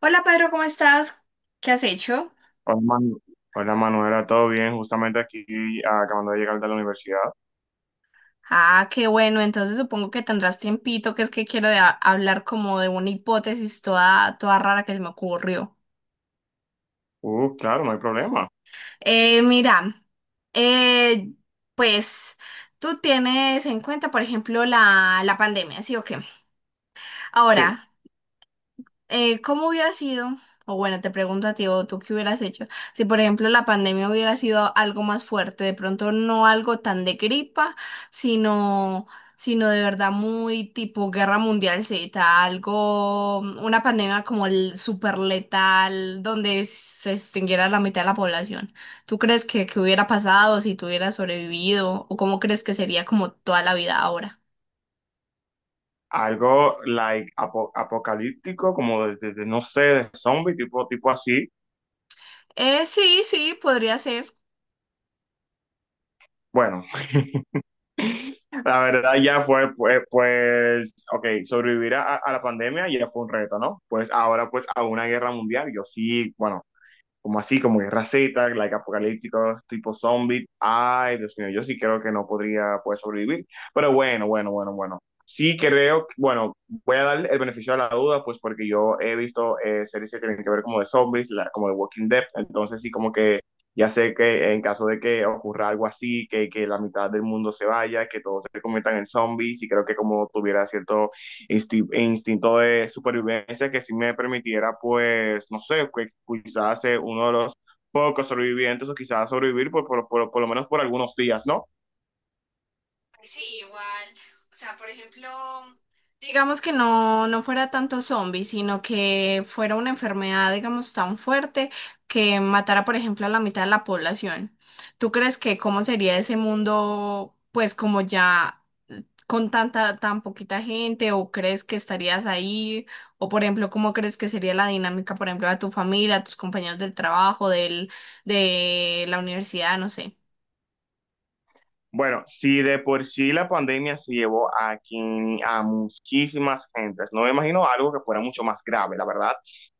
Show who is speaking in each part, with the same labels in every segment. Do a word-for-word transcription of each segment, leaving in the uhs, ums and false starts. Speaker 1: Hola Pedro, ¿cómo estás? ¿Qué has hecho?
Speaker 2: Hola, Manu- Hola, Manuela, ¿todo bien? Justamente aquí, ah, acabando de llegar de la universidad.
Speaker 1: Ah, qué bueno, entonces supongo que tendrás tiempito, que es que quiero de- hablar como de una hipótesis toda, toda rara que se me ocurrió.
Speaker 2: Uh, claro, no hay problema.
Speaker 1: Eh, mira, eh, pues tú tienes en cuenta, por ejemplo, la, la pandemia, ¿sí o qué?
Speaker 2: Sí,
Speaker 1: Ahora, eh, ¿cómo hubiera sido? O bueno, te pregunto a ti, o tú qué hubieras hecho, si por ejemplo la pandemia hubiera sido algo más fuerte, de pronto no algo tan de gripa, sino, sino de verdad muy tipo guerra mundial Z, algo, una pandemia como el súper letal, donde se extinguiera la mitad de la población. ¿Tú crees que, que hubiera pasado si tú hubieras sobrevivido? ¿O cómo crees que sería como toda la vida ahora?
Speaker 2: algo like apo- apocalíptico, como de, de- de, no sé, de zombie, tipo, tipo así.
Speaker 1: Eh, sí, sí, podría ser.
Speaker 2: Bueno, la verdad ya fue, pues, pues, ok, sobrevivir a, a la pandemia ya fue un reto, ¿no? Pues ahora, pues, a una guerra mundial, yo sí, bueno. Como así, como guerra Z, like apocalípticos, tipo zombie. Ay, Dios mío, yo sí creo que no podría, pues, sobrevivir. Pero bueno, bueno, bueno, bueno. Sí creo, bueno, voy a dar el beneficio de la duda, pues porque yo he visto eh, series que tienen que ver como de zombies, la- como de Walking Dead, entonces sí, como que ya sé que en caso de que ocurra algo así, que, que la mitad del mundo se vaya, que todos se conviertan en zombies, y creo que como tuviera cierto insti- instinto de supervivencia que sí me permitiera, pues, no sé, que quizás ser uno de los pocos sobrevivientes o quizás sobrevivir por, por, por, por lo menos por algunos días, ¿no?
Speaker 1: Sí, igual. O sea, por ejemplo, digamos que no, no fuera tanto zombie, sino que fuera una enfermedad, digamos, tan fuerte que matara, por ejemplo, a la mitad de la población. ¿Tú crees que cómo sería ese mundo, pues, como ya con tanta, tan poquita gente, o crees que estarías ahí? O, por ejemplo, ¿cómo crees que sería la dinámica, por ejemplo, de tu familia, tus compañeros del trabajo, del, de la universidad, no sé?
Speaker 2: Bueno, si de por sí la pandemia se llevó a, quien, a muchísimas gentes, no me imagino algo que fuera mucho más grave, la verdad.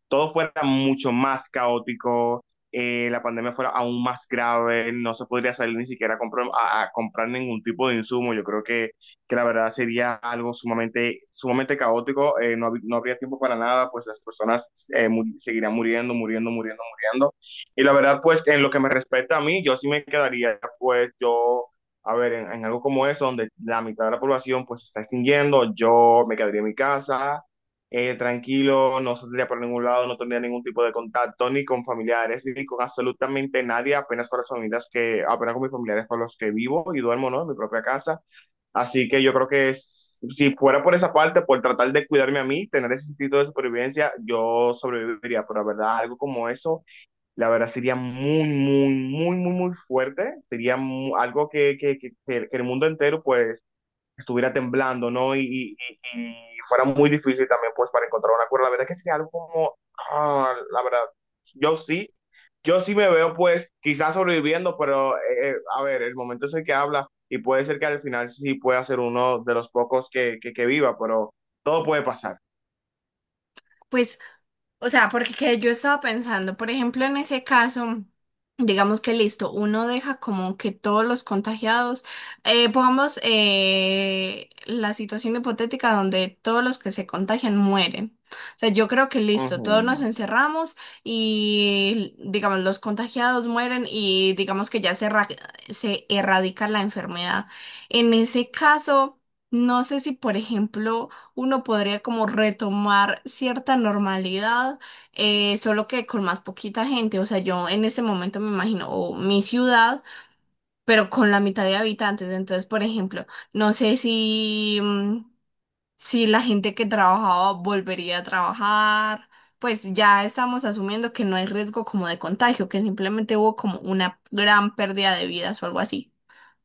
Speaker 2: Todo fuera mucho más caótico, eh, la pandemia fuera aún más grave, no se podría salir ni siquiera a, compro- a- a comprar ningún tipo de insumo. Yo creo que, que la verdad sería algo sumamente, sumamente caótico, eh, no, hab- no habría tiempo para nada, pues las personas eh, muri- seguirían muriendo, muriendo, muriendo, muriendo. Y la verdad, pues en lo que me respecta a mí, yo sí me quedaría, pues yo, a ver, en, en algo como eso, donde la mitad de la población pues se está extinguiendo, yo me quedaría en mi casa, eh, tranquilo, no saldría por ningún lado, no tendría ningún tipo de contacto ni con familiares, ni con absolutamente nadie, apenas con las familias que, apenas con mis familiares con los que vivo y duermo, ¿no? En mi propia casa. Así que yo creo que es- si fuera por esa parte, por tratar de cuidarme a mí, tener ese sentido de supervivencia, yo sobreviviría, pero la verdad, algo como eso. La verdad sería muy, muy, muy, muy, muy fuerte. Sería mu- algo que, que, que, que el mundo entero pues estuviera temblando, ¿no? Y, y, y- y fuera muy difícil también pues para encontrar un acuerdo. La verdad que sería algo como, ah, la verdad, yo sí, yo sí me veo, pues, quizás sobreviviendo, pero eh, eh, a ver, el momento es el que habla y puede ser que al final sí pueda ser uno de los pocos que, que, que viva, pero todo puede pasar.
Speaker 1: Pues, o sea, porque que yo estaba pensando, por ejemplo, en ese caso, digamos que listo, uno deja como que todos los contagiados, eh, pongamos eh, la situación hipotética donde todos los que se contagian mueren. O sea, yo creo que listo, todos
Speaker 2: Ujú.
Speaker 1: nos encerramos y digamos los contagiados mueren y digamos que ya se, erra- se erradica la enfermedad. En ese caso, no sé si, por ejemplo, uno podría como retomar cierta normalidad, eh, solo que con más poquita gente. O sea, yo en ese momento me imagino o mi ciudad, pero con la mitad de habitantes. Entonces, por ejemplo, no sé si, mm, si la gente que trabajaba volvería a trabajar. Pues ya estamos asumiendo que no hay riesgo como de contagio, que simplemente hubo como una gran pérdida de vidas o algo así.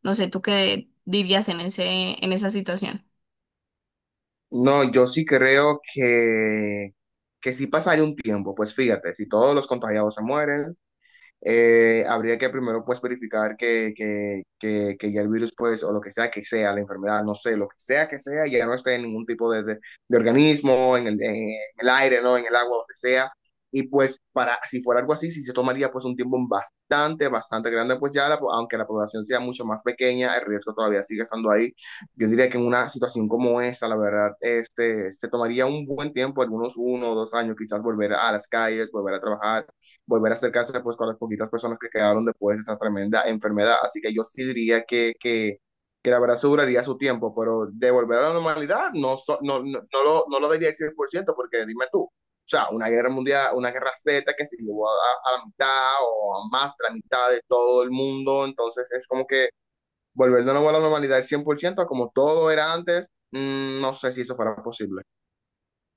Speaker 1: No sé, ¿tú qué dirías en ese, en esa situación?
Speaker 2: No, yo sí creo que, que sí pasaría un tiempo. Pues fíjate, si todos los contagiados se mueren, eh, habría que primero pues verificar que, que, que, que ya el virus, pues, o lo que sea que sea, la enfermedad, no sé, lo que sea que sea, ya no esté en ningún tipo de, de, de organismo, en el, en el aire, ¿no? En el agua, lo que sea. Y pues para, si fuera algo así, si se tomaría pues un tiempo bastante, bastante grande, pues ya la, aunque la población sea mucho más pequeña, el riesgo todavía sigue estando ahí. Yo diría que en una situación como esa, la verdad, este, se tomaría un buen tiempo, algunos uno o dos años, quizás volver a las calles, volver a trabajar, volver a acercarse pues con las poquitas personas que quedaron después de esa tremenda enfermedad. Así que yo sí diría que, que, que la verdad aseguraría su tiempo, pero de volver a la normalidad no, so- no, no, no lo, no lo diría al cien por ciento porque dime tú, o sea, una guerra mundial, una guerra Z que se llevó a, a la mitad o a más de la mitad de todo el mundo, entonces es como que volver de nuevo a la normalidad al cien por ciento como todo era antes, mm, no sé si eso fuera posible.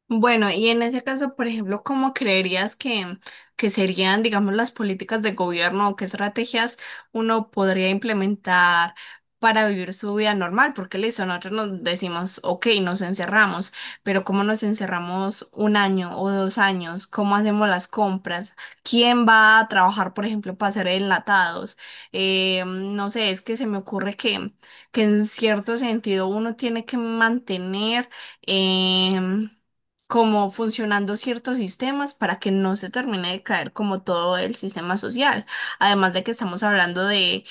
Speaker 1: Bueno, y en ese caso, por ejemplo, ¿cómo creerías que, que serían, digamos, las políticas de gobierno o qué estrategias uno podría implementar para vivir su vida normal? Porque listo, nosotros nos decimos, ok, nos encerramos, pero ¿cómo nos encerramos un año o dos años? ¿Cómo hacemos las compras? ¿Quién va a trabajar, por ejemplo, para hacer enlatados? Eh, no sé, es que se me ocurre que, que en cierto sentido uno tiene que mantener, em, como funcionando ciertos sistemas para que no se termine de caer como todo el sistema social. Además de que estamos hablando de,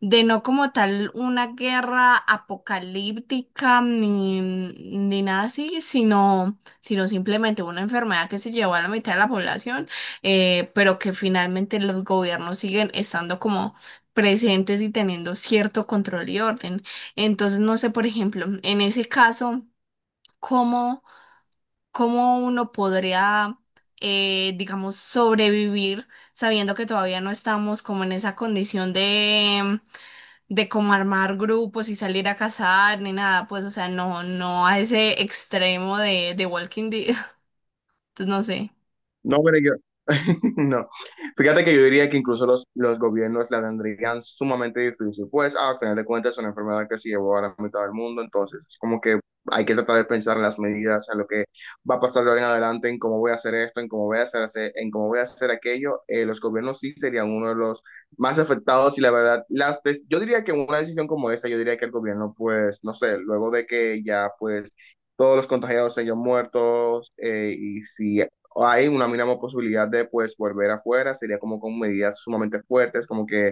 Speaker 1: de no como tal una guerra apocalíptica ni, ni nada así, sino, sino simplemente una enfermedad que se llevó a la mitad de la población, eh, pero que finalmente los gobiernos siguen estando como presentes y teniendo cierto control y orden. Entonces, no sé, por ejemplo, en ese caso, ¿cómo? ¿Cómo uno podría, eh, digamos, sobrevivir sabiendo que todavía no estamos como en esa condición de, de como armar grupos y salir a cazar ni nada, pues, o sea, no, no a ese extremo de, de Walking Dead, entonces no sé.
Speaker 2: No, pero yo, no. Fíjate que yo diría que incluso los, los gobiernos la tendrían sumamente difícil, pues al final de cuentas es una enfermedad que se llevó a la mitad del mundo, entonces es como que hay que tratar de pensar en las medidas, en lo que va a pasar de ahora en adelante, en cómo voy a hacer esto, en cómo voy a hacer, ese- en cómo voy a hacer aquello. Eh, los gobiernos sí serían uno de los más afectados y la verdad, las, des- yo diría que una decisión como esa, yo diría que el gobierno, pues, no sé, luego de que ya, pues, Todos los contagiados se hayan muertos, eh, y si hay una mínima posibilidad de pues volver afuera, sería como con medidas sumamente fuertes, como que,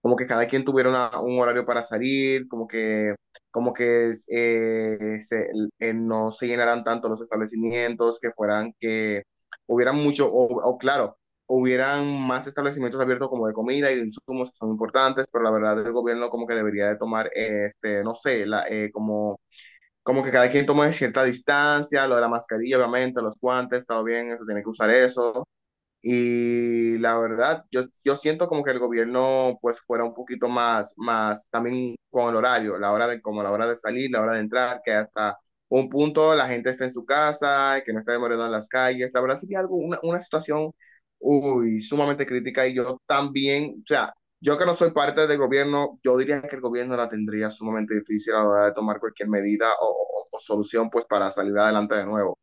Speaker 2: como que cada quien tuviera una- un horario para salir, como que, como que eh, se- eh, no se llenaran tanto los establecimientos, que fueran que hubieran mucho, o, o claro, hubieran más establecimientos abiertos como de comida y de insumos que son importantes, pero la verdad el gobierno como que debería de tomar, eh, este, no sé, la, eh, como como que cada quien tome cierta distancia, lo de la mascarilla, obviamente, los guantes, todo bien, eso, tiene que usar eso. Y la verdad, yo, yo siento como que el gobierno pues fuera un poquito más, más también con el horario, la hora de, como la hora de salir, la hora de entrar, que hasta un punto la gente está en su casa, que no está demorando en las calles. La verdad sería algo, una, una situación, uy, sumamente crítica y yo también, o sea, yo que no soy parte del gobierno, yo diría que el gobierno la tendría sumamente difícil a la hora de tomar cualquier medida o, o- o solución pues para salir adelante de nuevo.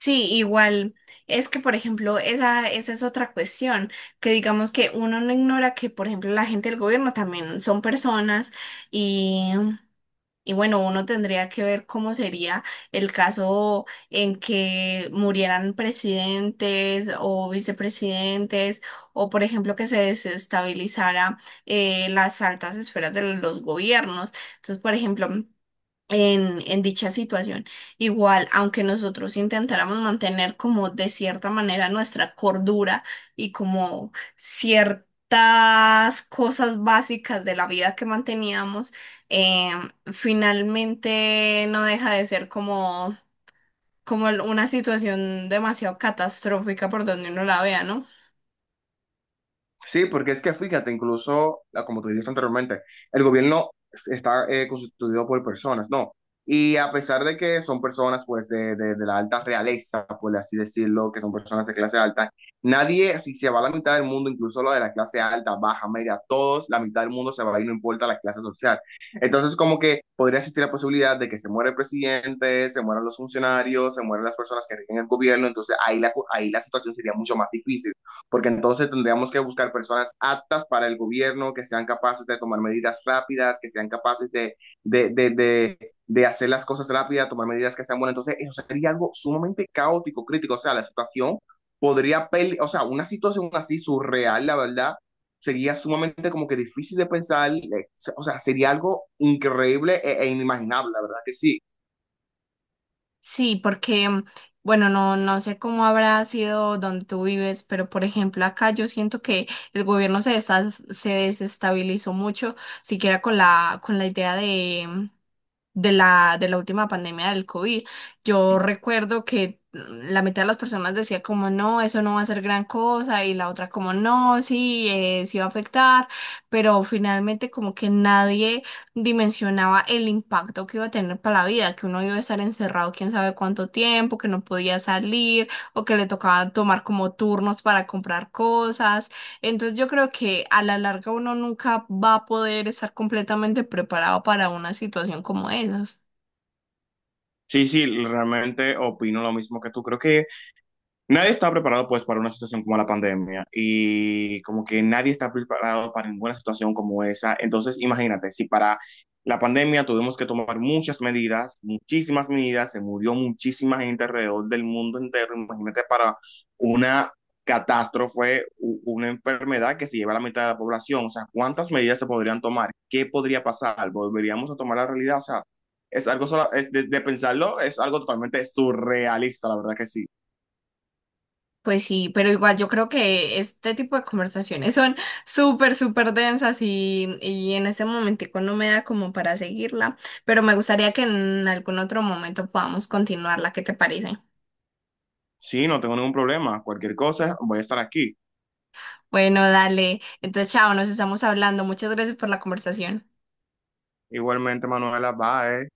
Speaker 1: Sí, igual. Es que, por ejemplo, esa, esa es otra cuestión, que digamos que uno no ignora que, por ejemplo, la gente del gobierno también son personas. Y bueno, uno tendría que ver cómo sería el caso en que murieran presidentes o vicepresidentes, o por ejemplo que se desestabilizara eh, las altas esferas de los gobiernos. Entonces, por ejemplo, en, en dicha situación. Igual, aunque nosotros intentáramos mantener como de cierta manera nuestra cordura y como ciertas cosas básicas de la vida que manteníamos, eh, finalmente no deja de ser como, como una situación demasiado catastrófica por donde uno la vea, ¿no?
Speaker 2: Sí, porque es que fíjate, incluso, ah, como tú dijiste anteriormente, el gobierno es- está eh, constituido por personas, ¿no? Y a pesar de que son personas, pues, de, de- de la alta realeza, por así decirlo, que son personas de clase alta, nadie, si se va la mitad del mundo, incluso lo de la clase alta, baja, media, todos, la mitad del mundo se va a ir, no importa la clase social. Entonces, como que podría existir la posibilidad de que se muera el presidente, se mueran los funcionarios, se mueran las personas que rigen el gobierno, entonces ahí la, cu- ahí la situación sería mucho más difícil porque entonces tendríamos que buscar personas aptas para el gobierno, que sean capaces de tomar medidas rápidas, que sean capaces de, de, de, de, de hacer las cosas rápidas, tomar medidas que sean buenas. Entonces, eso sería algo sumamente caótico, crítico. O sea, la situación podría, pele- o sea, una situación así surreal, la verdad, sería sumamente como que difícil de pensar. eh, O sea, sería algo increíble e, e inimaginable, la verdad que sí.
Speaker 1: Sí, porque, mm, bueno, no, no sé cómo habrá sido donde tú vives, pero por ejemplo, acá yo siento que el gobierno se, desas- se desestabilizó mucho, siquiera con la, con la idea de, mm, de la, de la última pandemia del COVID. Yo recuerdo que mm, la mitad de las personas decía como no, eso no va a ser gran cosa y la otra como no, sí, eh, sí va a afectar, pero finalmente como que nadie dimensionaba el impacto que iba a tener para la vida, que uno iba a estar encerrado quién sabe cuánto tiempo, que no podía salir o que le tocaba tomar como turnos para comprar cosas, entonces yo creo que a la larga uno nunca va a poder estar completamente preparado para una situación como esas.
Speaker 2: Sí, sí, realmente opino lo mismo que tú. Creo que Nadie está preparado pues para una situación como la pandemia y como que nadie está preparado para ninguna situación como esa. Entonces, imagínate, si para la pandemia tuvimos que tomar muchas medidas, muchísimas medidas, se murió muchísima gente alrededor del mundo entero, imagínate para una catástrofe, u- una enfermedad que se lleva a la mitad de la población, o sea, ¿cuántas medidas se podrían tomar? ¿Qué podría pasar? ¿Volveríamos a tomar la realidad? O sea, es algo, sola- es de de pensarlo, es algo totalmente surrealista, la verdad que sí.
Speaker 1: Pues sí, pero igual yo creo que este tipo de conversaciones son súper, súper densas y, y en ese momentico no me da como para seguirla, pero me gustaría que en algún otro momento podamos continuarla, ¿qué te parece?
Speaker 2: Sí, no tengo ningún problema. Cualquier cosa, voy a estar aquí.
Speaker 1: Bueno, dale. Entonces, chao, nos estamos hablando. Muchas gracias por la conversación.
Speaker 2: Igualmente, Manuela, bye.